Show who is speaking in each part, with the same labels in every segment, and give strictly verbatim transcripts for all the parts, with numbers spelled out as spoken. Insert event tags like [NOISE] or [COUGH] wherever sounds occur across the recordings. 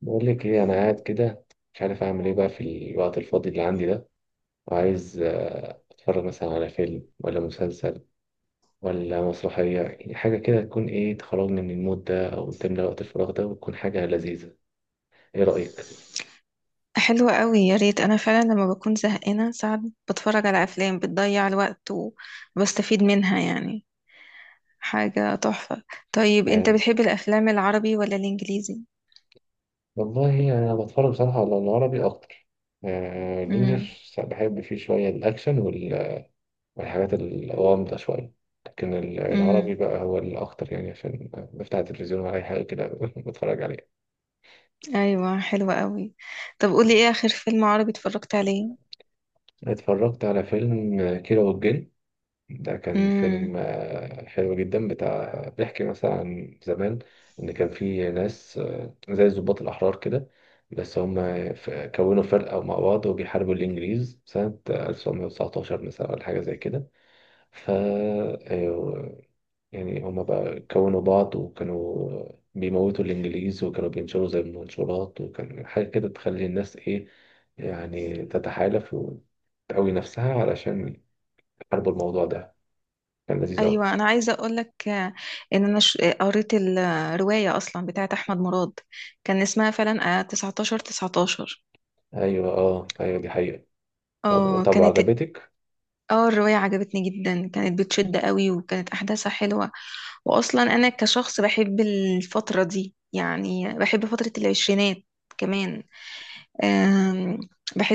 Speaker 1: بقول لك ايه انا قاعد كده. مش عارف اعمل ايه بقى في الوقت الفاضي اللي عندي ده، وعايز آه، اتفرج مثلا على فيلم ولا مسلسل ولا مسرحية، يعني حاجة كده تكون ايه، تخرجني من المود ده او تملى وقت الفراغ ده وتكون حاجة لذيذة. ايه رأيك؟
Speaker 2: حلوة قوي، يا ريت. انا فعلا لما بكون زهقانة ساعات بتفرج على افلام بتضيع الوقت وبستفيد منها، يعني حاجة تحفة. طيب انت
Speaker 1: آه،
Speaker 2: بتحب الافلام العربي ولا الانجليزي؟
Speaker 1: والله يعني انا بتفرج بصراحة على العربي اكتر. آه،
Speaker 2: امم
Speaker 1: الانجليش بحب فيه شوية الاكشن وال- والحاجات الغامضة شوية. لكن ال-
Speaker 2: امم
Speaker 1: العربي بقى هو الأكتر، يعني عشان بفتح التلفزيون ولا أي حاجة كده [LAUGHS] بتفرج عليها.
Speaker 2: ايوه، حلوة قوي. طب قولي ايه اخر فيلم عربي اتفرجت عليه؟
Speaker 1: اتفرجت على فيلم كيرة والجن. ده كان
Speaker 2: امم
Speaker 1: فيلم آه، حلو جدا، بتاع بيحكي مثلا عن زمان، ان كان في ناس آه، زي الضباط الاحرار كده. بس هم ف- كونوا فرقة مع بعض وبيحاربوا الانجليز سنة ألف وتسعمائة وتسعة عشر مثلا ولا حاجة زي كده. ف آه، يعني هما بقى كونوا بعض، وكانوا بيموتوا الإنجليز، وكانوا بينشروا زي المنشورات، وكان حاجة كده تخلي الناس إيه، يعني تتحالف وتقوي نفسها علشان يحاربوا الموضوع ده. كان لذيذ أوي.
Speaker 2: ايوه، انا عايزه اقول لك ان انا ش- قريت الروايه اصلا بتاعت احمد مراد، كان اسمها فعلا آه، تسعة عشر تسعة عشر.
Speaker 1: أيوة، أه، أيوة، دي حقيقة. طب
Speaker 2: اه
Speaker 1: طب،
Speaker 2: كانت.
Speaker 1: وعجبتك؟
Speaker 2: اه الرواية عجبتني جدا، كانت بتشد قوي وكانت أحداثها حلوة. وأصلا أنا كشخص بحب الفترة دي، يعني بحب فترة العشرينات كمان. أم،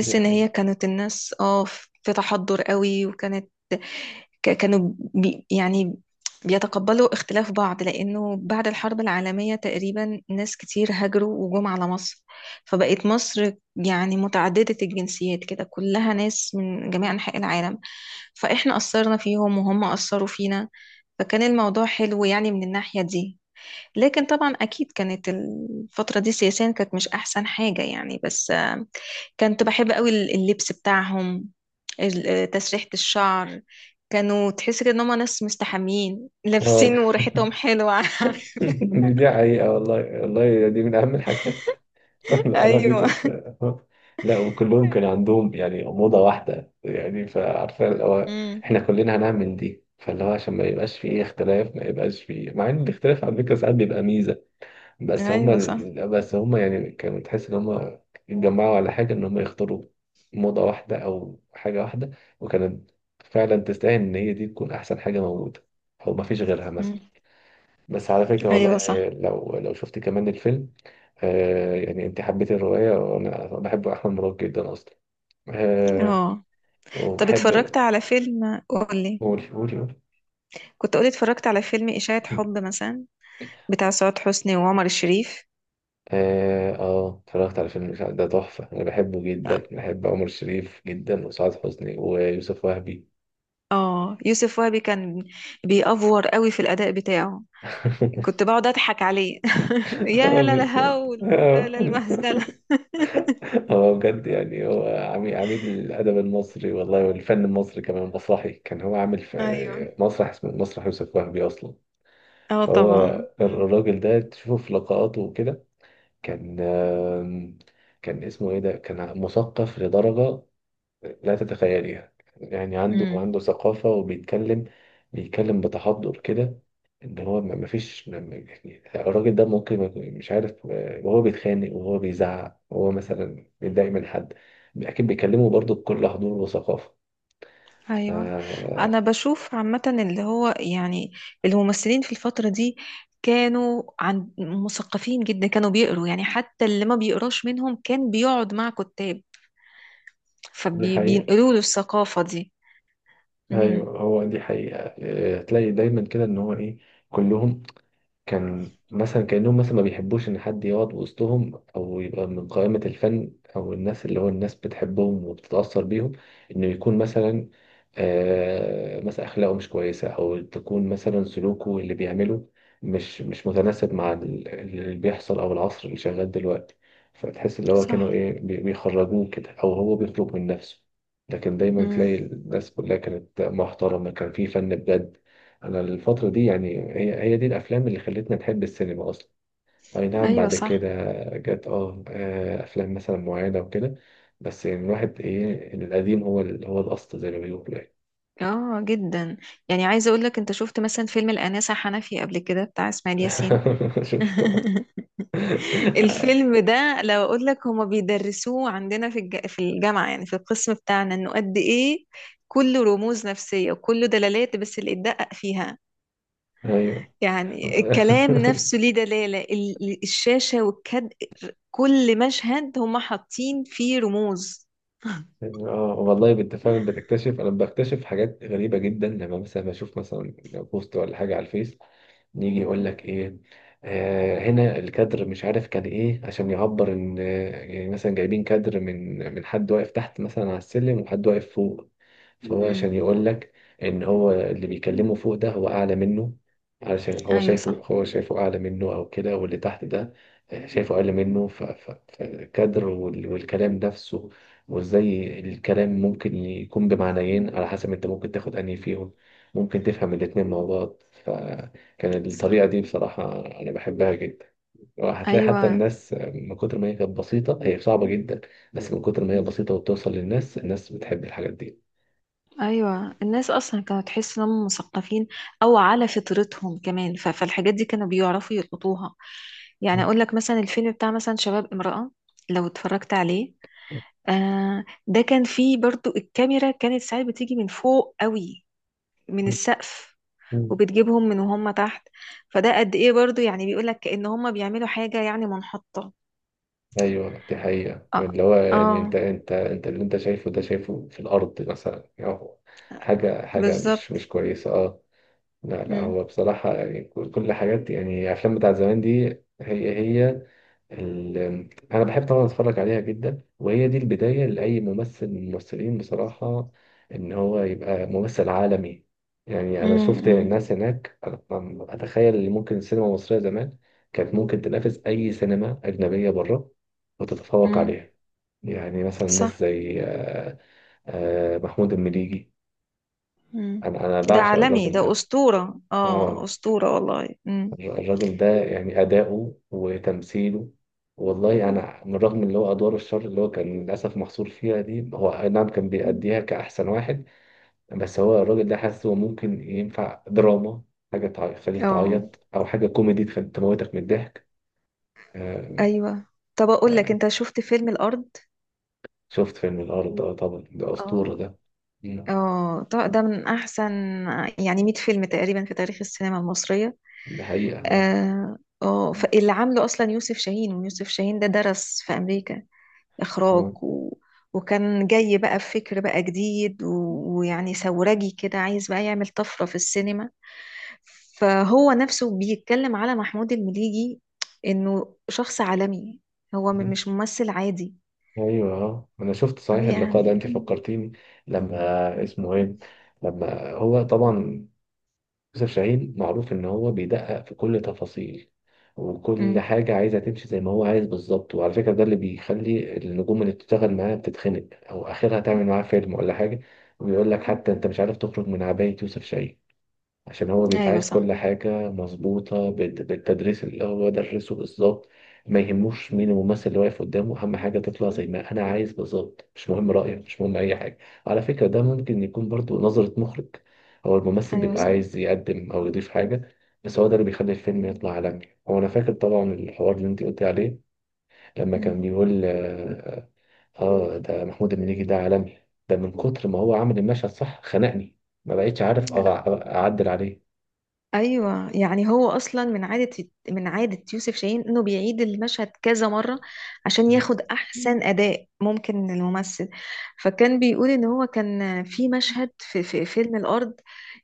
Speaker 1: دي
Speaker 2: إن
Speaker 1: حقيقة.
Speaker 2: هي كانت الناس اه في تحضر قوي. وكانت ك- كانوا بي يعني بيتقبلوا اختلاف بعض، لأنه بعد الحرب العالمية تقريبا ناس كتير هاجروا وجم على مصر، فبقت مصر يعني متعددة الجنسيات كده، كلها ناس من جميع أنحاء العالم، فإحنا أثرنا فيهم وهم أثروا فينا. فكان الموضوع حلو يعني من الناحية دي. لكن طبعا أكيد كانت الفترة دي سياسيا كانت مش أحسن حاجة يعني، بس آه، كنت بحب قوي اللبس بتاعهم، ال- آه، تسريحة الشعر. كانوا تحس كده ان هم ناس مستحمين
Speaker 1: اه،
Speaker 2: لابسين وريحتهم حلوة. [LAUGHS]
Speaker 1: دي دي حقيقة، والله والله دي من أهم الحاجات. [LAUGHS] لا لا، دي
Speaker 2: ايوه.
Speaker 1: كانت. [LAUGHS] لا، وكلهم كان عندهم يعني أوضة واحدة، يعني فعارفة اللي هو
Speaker 2: امم.
Speaker 1: إحنا كلنا هنعمل دي، فاللي هو عشان ما يبقاش فيه اختلاف، ما يبقاش فيه، مع إن الاختلاف على فكرة ساعات بيبقى ميزة. بس هما
Speaker 2: ايوه صح.
Speaker 1: ال- بس هما يعني كانوا تحس إن هما اتجمعوا على حاجة، إن هما يختاروا موضة واحدة أو حاجة واحدة، وكانت فعلا تستاهل إن هي دي تكون أحسن حاجة موجودة أو مفيش غيرها
Speaker 2: مم.
Speaker 1: مثلا. بس على فكرة والله،
Speaker 2: ايوه
Speaker 1: يعني
Speaker 2: صح.
Speaker 1: لو لو شفت كمان الفيلم. آه يعني انت حبيت الرواية، وانا بحب احمد مراد جدا اصلا آه
Speaker 2: اه. طب اتفرجت
Speaker 1: وبحب.
Speaker 2: على فيلم، قولي؟
Speaker 1: قولي، قولي، قولي.
Speaker 2: كنت قولي اتفرجت على فيلم إشاعة حب
Speaker 1: [CLEARS THROAT]
Speaker 2: مثلا، بتاع سعاد حسني وعمر الشريف.
Speaker 1: اه آه، اتفرجت على فيلم الإشاعة، ده تحفة، انا بحبه جدا، بحب عمر شريف جدا وسعاد حسني ويوسف وهبي.
Speaker 2: اه يوسف وهبي كان بيأفور قوي في الأداء بتاعه،
Speaker 1: [LAUGHS]
Speaker 2: كنت بقعد أضحك عليه. [LAUGHS] يا
Speaker 1: اه،
Speaker 2: لا
Speaker 1: بالظبط،
Speaker 2: الهول، يا
Speaker 1: اه.
Speaker 2: لا المهزلة.
Speaker 1: هو بجد يعني هو عمي- عميد الادب المصري والله، والفن المصري كمان، مسرحي كان، هو عامل
Speaker 2: [LAUGHS] ايوه.
Speaker 1: في مسرح اسمه مسرح يوسف وهبي اصلا.
Speaker 2: اه
Speaker 1: فهو
Speaker 2: طبعا. مم.
Speaker 1: الراجل ده تشوفه في لقاءاته وكده، كان آم، كان اسمه ايه، ده كان مثقف لدرجة لا تتخيليها. يعني عنده
Speaker 2: مم.
Speaker 1: عنده ثقافة وبيتكلم، بيتكلم بتحضر كده، ان هو ما ما فيش ما- ما- يعني الراجل ده ممكن ما يكون، مش عارف آه، وهو بيتخانق وهو بيزعق وهو مثلا بيتضايق من حد، اكيد بيكلمه برضه بكل حضور وثقافة. ف
Speaker 2: ايوه انا بشوف عامة اللي هو يعني الممثلين في الفترة دي كانوا عن مثقفين جدا، كانوا بيقروا، يعني حتى اللي ما بيقراش منهم كان بيقعد مع كتاب،
Speaker 1: دي حقيقة.
Speaker 2: فبينقلوا له الثقافة دي. امم.
Speaker 1: ايوه، هو دي حقيقة. آه، تلاقي دايما كده ان هو ايه، كلهم كان مثلا كأنهم مثلا ما بيحبوش إن حد يقعد وسطهم أو يبقى من قائمة الفن أو الناس اللي هو الناس بتحبهم وبتتأثر بيهم، إنه يكون مثلا آه مثلا أخلاقه مش كويسة، أو تكون مثلا سلوكه اللي بيعمله مش مش متناسب مع ال- اللي بيحصل أو العصر اللي شغال دلوقتي. فتحس اللي هو
Speaker 2: صح.
Speaker 1: كانوا إيه، بي- بيخرجوه كده أو هو بيخرج من نفسه. لكن دايما
Speaker 2: امم.
Speaker 1: تلاقي الناس كلها كانت محترمة، كان في فن بجد. انا الفترة دي، يعني هي هي دي الافلام اللي خلتنا نحب السينما اصلا. اي نعم،
Speaker 2: ايوه
Speaker 1: بعد
Speaker 2: صح.
Speaker 1: كده جت اه آه، افلام مثلا معينة وكده، بس يعني الواحد ايه، القديم هو ال- هو الاصل زي ما بيقولوا يعني.
Speaker 2: اه جدا. يعني عايزه اقول لك، انت شفت مثلا فيلم الانسه حنفي قبل كده بتاع اسماعيل ياسين؟
Speaker 1: [LAUGHS] شفته.
Speaker 2: [LAUGHS]
Speaker 1: [LAUGHS]
Speaker 2: الفيلم ده لو اقول لك هما بيدرسوه عندنا في الج... في الجامعه، يعني في القسم بتاعنا، انه قد ايه كله رموز نفسيه وكله دلالات بس اللي اتدقق فيها.
Speaker 1: ايوه.
Speaker 2: يعني
Speaker 1: [LAUGHS]
Speaker 2: الكلام نفسه ليه دلاله، ال- الشاشه والكد. كل مشهد هما حاطين فيه رموز. [LAUGHS]
Speaker 1: اه، والله بنت فعلا بتكتشف، انا بكتشف حاجات غريبة جدا لما مثلا بشوف مثلا بوست ولا حاجة على الفيس، يجي يقول لك ايه، آه هنا الكادر مش عارف كان ايه عشان يعبر ان آه، يعني مثلا جايبين كادر من من حد واقف تحت مثلا على السلم وحد واقف فوق. فهو
Speaker 2: امم.
Speaker 1: عشان يقول لك ان هو اللي بيكلمه فوق ده هو اعلى منه، علشان هو
Speaker 2: ايوه
Speaker 1: شايفه
Speaker 2: صح.
Speaker 1: هو شايفه اعلى منه او كده، واللي تحت ده شايفه اقل منه، ف- ف- فالكدر وال- والكلام نفسه، وازاي الكلام ممكن يكون بمعنيين، على حسب انت ممكن تاخد انهي فيهم، ممكن تفهم الاتنين مع بعض. فكان الطريقة
Speaker 2: صح.
Speaker 1: دي بصراحة أنا بحبها جدا. وهتلاقي حتى
Speaker 2: ايوه.
Speaker 1: الناس من كتر ما هي كانت بسيطة، هي صعبة جدا، بس من كتر ما هي بسيطة وبتوصل للناس، الناس بتحب الحاجات دي.
Speaker 2: ايوه الناس اصلا كانوا تحس انهم مثقفين او على فطرتهم كمان، ف- فالحاجات دي كانوا بيعرفوا يلقطوها. يعني اقول لك مثلا الفيلم بتاع مثلا شباب امرأة، لو اتفرجت عليه. آه ده كان فيه برضو الكاميرا كانت ساعات بتيجي من فوق قوي، من السقف،
Speaker 1: مم.
Speaker 2: وبتجيبهم من وهم تحت. فده قد ايه برضو يعني بيقول لك كأن هم بيعملوا حاجة يعني منحطة.
Speaker 1: ايوه، دي حقيقة.
Speaker 2: اه،
Speaker 1: اللي هو يعني انت
Speaker 2: آه
Speaker 1: انت انت اللي انت شايفه ده، شايفه في الارض مثلا، يعني هو حاجة حاجة مش
Speaker 2: بالظبط.
Speaker 1: مش كويسة، اه. لا لا،
Speaker 2: امم
Speaker 1: هو بصراحة يعني كل كل الحاجات، يعني الافلام بتاعت زمان دي، هي هي ال- انا بحب طبعا اتفرج عليها جدا، وهي دي البدايه لاي ممثل من الممثلين بصراحه ان هو يبقى ممثل عالمي. يعني انا شفت
Speaker 2: امم
Speaker 1: ناس هناك، أنا أنا اتخيل ان ممكن السينما المصريه زمان كانت ممكن تنافس اي سينما اجنبيه بره وتتفوق
Speaker 2: امم.
Speaker 1: عليها. يعني مثلا ناس
Speaker 2: صح.
Speaker 1: زي آه، آه، محمود المليجي.
Speaker 2: مم.
Speaker 1: انا انا
Speaker 2: ده
Speaker 1: بعشق
Speaker 2: عالمي،
Speaker 1: الراجل
Speaker 2: ده
Speaker 1: ده.
Speaker 2: أسطورة، اه
Speaker 1: آه.
Speaker 2: أسطورة والله. مم.
Speaker 1: الر- الراجل ده يعني أداؤه وتمثيله، والله أنا من رغم اللي هو أدوار الشر اللي هو كان للأسف محصور فيها دي، هو أي نعم كان بيأديها كأحسن واحد. بس هو الراجل ده حاسه ممكن ينفع دراما، حاجة تع- تخليك
Speaker 2: اه
Speaker 1: تعيط، أو حاجة كوميدي تخلي تموتك من الضحك. آه،
Speaker 2: أيوة. طب أقول لك،
Speaker 1: آه،
Speaker 2: أنت شفت فيلم الأرض؟
Speaker 1: شفت فيلم الأرض، ده طبعا ده أسطورة
Speaker 2: اه.
Speaker 1: ده. مم.
Speaker 2: اه طب ده من أحسن يعني مية فيلم تقريبا في تاريخ السينما المصرية.
Speaker 1: ده حقيقة. آه.
Speaker 2: اه آه، فاللي عامله أصلا يوسف شاهين، ويوسف شاهين ده درس في أمريكا
Speaker 1: آه.
Speaker 2: إخراج و... وكان جاي بقى بفكر بقى جديد و... ويعني ثورجي كده، عايز بقى يعمل طفرة في السينما. فهو نفسه بيتكلم على محمود المليجي إنه شخص عالمي، هو م- مش ممثل عادي.
Speaker 1: ايوه، اه، انا شفت
Speaker 2: أو
Speaker 1: صحيح اللقاء ده، انت
Speaker 2: يعني.
Speaker 1: فكرتيني لما اسمه ايه، لما هو طبعا يوسف شاهين معروف إن هو بيدقق في كل تفاصيل، وكل
Speaker 2: مم.
Speaker 1: حاجة عايزة تمشي زي ما هو عايز بالظبط. وعلى فكرة، ده اللي بيخلي النجوم اللي بتشتغل معاه بتتخنق أو آخرها تعمل معاه فيلم ولا حاجة. ويقول لك حتى أنت مش عارف تخرج من عباية يوسف شاهين، عشان هو بيبقى
Speaker 2: أيوة
Speaker 1: عايز
Speaker 2: صح.
Speaker 1: كل حاجة مظبوطة بال- بالتدريس اللي هو درسه بالظبط. ما يهموش مين الممثل اللي واقف قدامه، أهم حاجة تطلع زي ما أنا عايز بالظبط، مش مهم رأيك، مش مهم أي حاجة. على فكرة ده ممكن يكون برضو نظرة مخرج، هو الممثل
Speaker 2: أيوة
Speaker 1: بيبقى
Speaker 2: صح.
Speaker 1: عايز يقدم أو يضيف حاجة، بس هو ده اللي بيخلي الفيلم يطلع عالمي. هو أنا فاكر طبعا الحوار اللي أنت قلت عليه، لما كان
Speaker 2: مم.
Speaker 1: بيقول آه آه، ده محمود المليجي ده عالمي، ده من كتر ما هو عمل المشهد صح، خنقني، ما بقيتش عارف أع- أعدل عليه.
Speaker 2: ايوه يعني هو اصلا من عاده من عاده يوسف شاهين انه بيعيد المشهد كذا مره عشان
Speaker 1: مم.
Speaker 2: ياخد احسن اداء ممكن من الممثل. فكان بيقول ان هو كان في مشهد في, في فيلم الارض،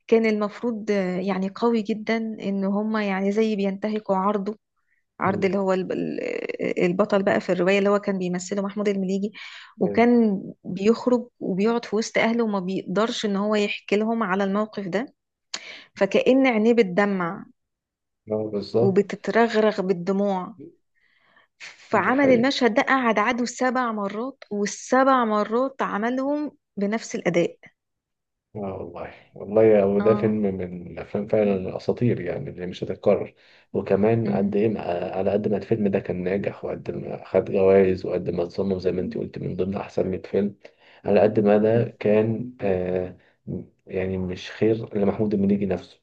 Speaker 2: كان المفروض آه، يعني قوي جدا ان هما يعني زي بينتهكوا عرضه، عرض
Speaker 1: مم.
Speaker 2: اللي هو الب- ال- البطل بقى في الروايه اللي هو كان بيمثله محمود المليجي.
Speaker 1: ايوه.
Speaker 2: وكان بيخرج وبيقعد في وسط اهله وما بيقدرش ان هو يحكي لهم على الموقف ده، فكأن عينيه بتدمع
Speaker 1: آه، بالظبط.
Speaker 2: وبتترغرغ بالدموع.
Speaker 1: دي
Speaker 2: فعمل
Speaker 1: حقيقة،
Speaker 2: المشهد ده قعد عدو سبع مرات، والسبع مرات عملهم بنفس الأداء.
Speaker 1: اه، والله والله يا- وده فيلم
Speaker 2: اه.
Speaker 1: من الافلام فعلا الاساطير يعني اللي مش هتتكرر. وكمان
Speaker 2: امم.
Speaker 1: قد ايه ما- على قد ما الفيلم ده كان ناجح، وقد ما خد جوائز، وقد ما اتصنف زي ما انت قلت من ضمن احسن مية فيلم. على قد ما ده كان آه يعني مش خير لمحمود المليجي نفسه،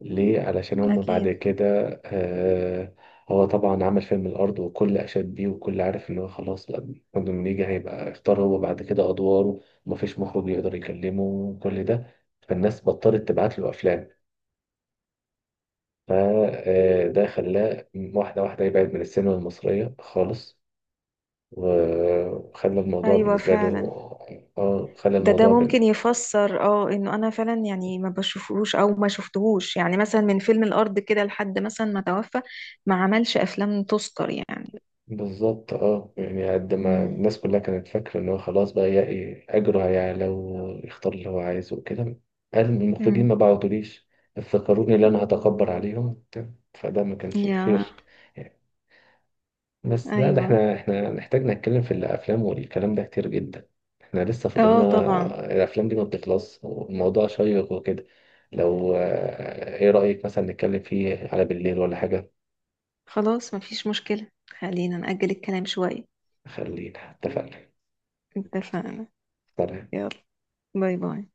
Speaker 1: ليه؟ علشان هم بعد
Speaker 2: اكيد.
Speaker 1: كده آه هو طبعا عمل فيلم الأرض، وكل أشاد بيه، وكل عارف إن هو خلاص. لأ، محمد منيجي هيبقى اختار هو بعد كده أدواره، ومفيش مخرج يقدر يكلمه، وكل ده فالناس بطلت تبعت له أفلام، فده خلاه واحدة واحدة يبعد من السينما المصرية خالص، و- وخلى الموضوع
Speaker 2: أيوة
Speaker 1: بالنسبة له
Speaker 2: فعلا.
Speaker 1: آه، خلى
Speaker 2: ده ده
Speaker 1: الموضوع.
Speaker 2: ممكن يفسر اه انه انا فعلا يعني ما بشوفهوش او ما شفتهوش يعني مثلا من فيلم الارض كده لحد مثلا ما توفى، ما عملش افلام تذكر يعني.
Speaker 1: بالظبط، اه، يعني قد ما
Speaker 2: امم.
Speaker 1: الناس كلها كانت فاكرة ان هو خلاص بقى يلاقي اجره هيعلى ويختار اللي هو عايزه وكده، قال المخرجين ما
Speaker 2: امم.
Speaker 1: بعتوليش، افتكروني اللي انا هتكبر عليهم، فده ما كانش
Speaker 2: يا.
Speaker 1: خير. بس لا، ده
Speaker 2: ايوه.
Speaker 1: احنا احنا نحتاج نتكلم في الافلام والكلام ده كتير جدا، احنا لسه
Speaker 2: اه
Speaker 1: فاضلنا،
Speaker 2: طبعا.
Speaker 1: الافلام دي ما بتخلص، والموضوع شيق وكده. لو آه، ايه رأيك مثلا نتكلم فيه على بالليل ولا حاجة؟
Speaker 2: خلاص مفيش مشكلة، خلينا نأجل الكلام شوية.
Speaker 1: خلينا اتفقنا.
Speaker 2: اتفقنا.
Speaker 1: سلام.
Speaker 2: يلا، باي باي.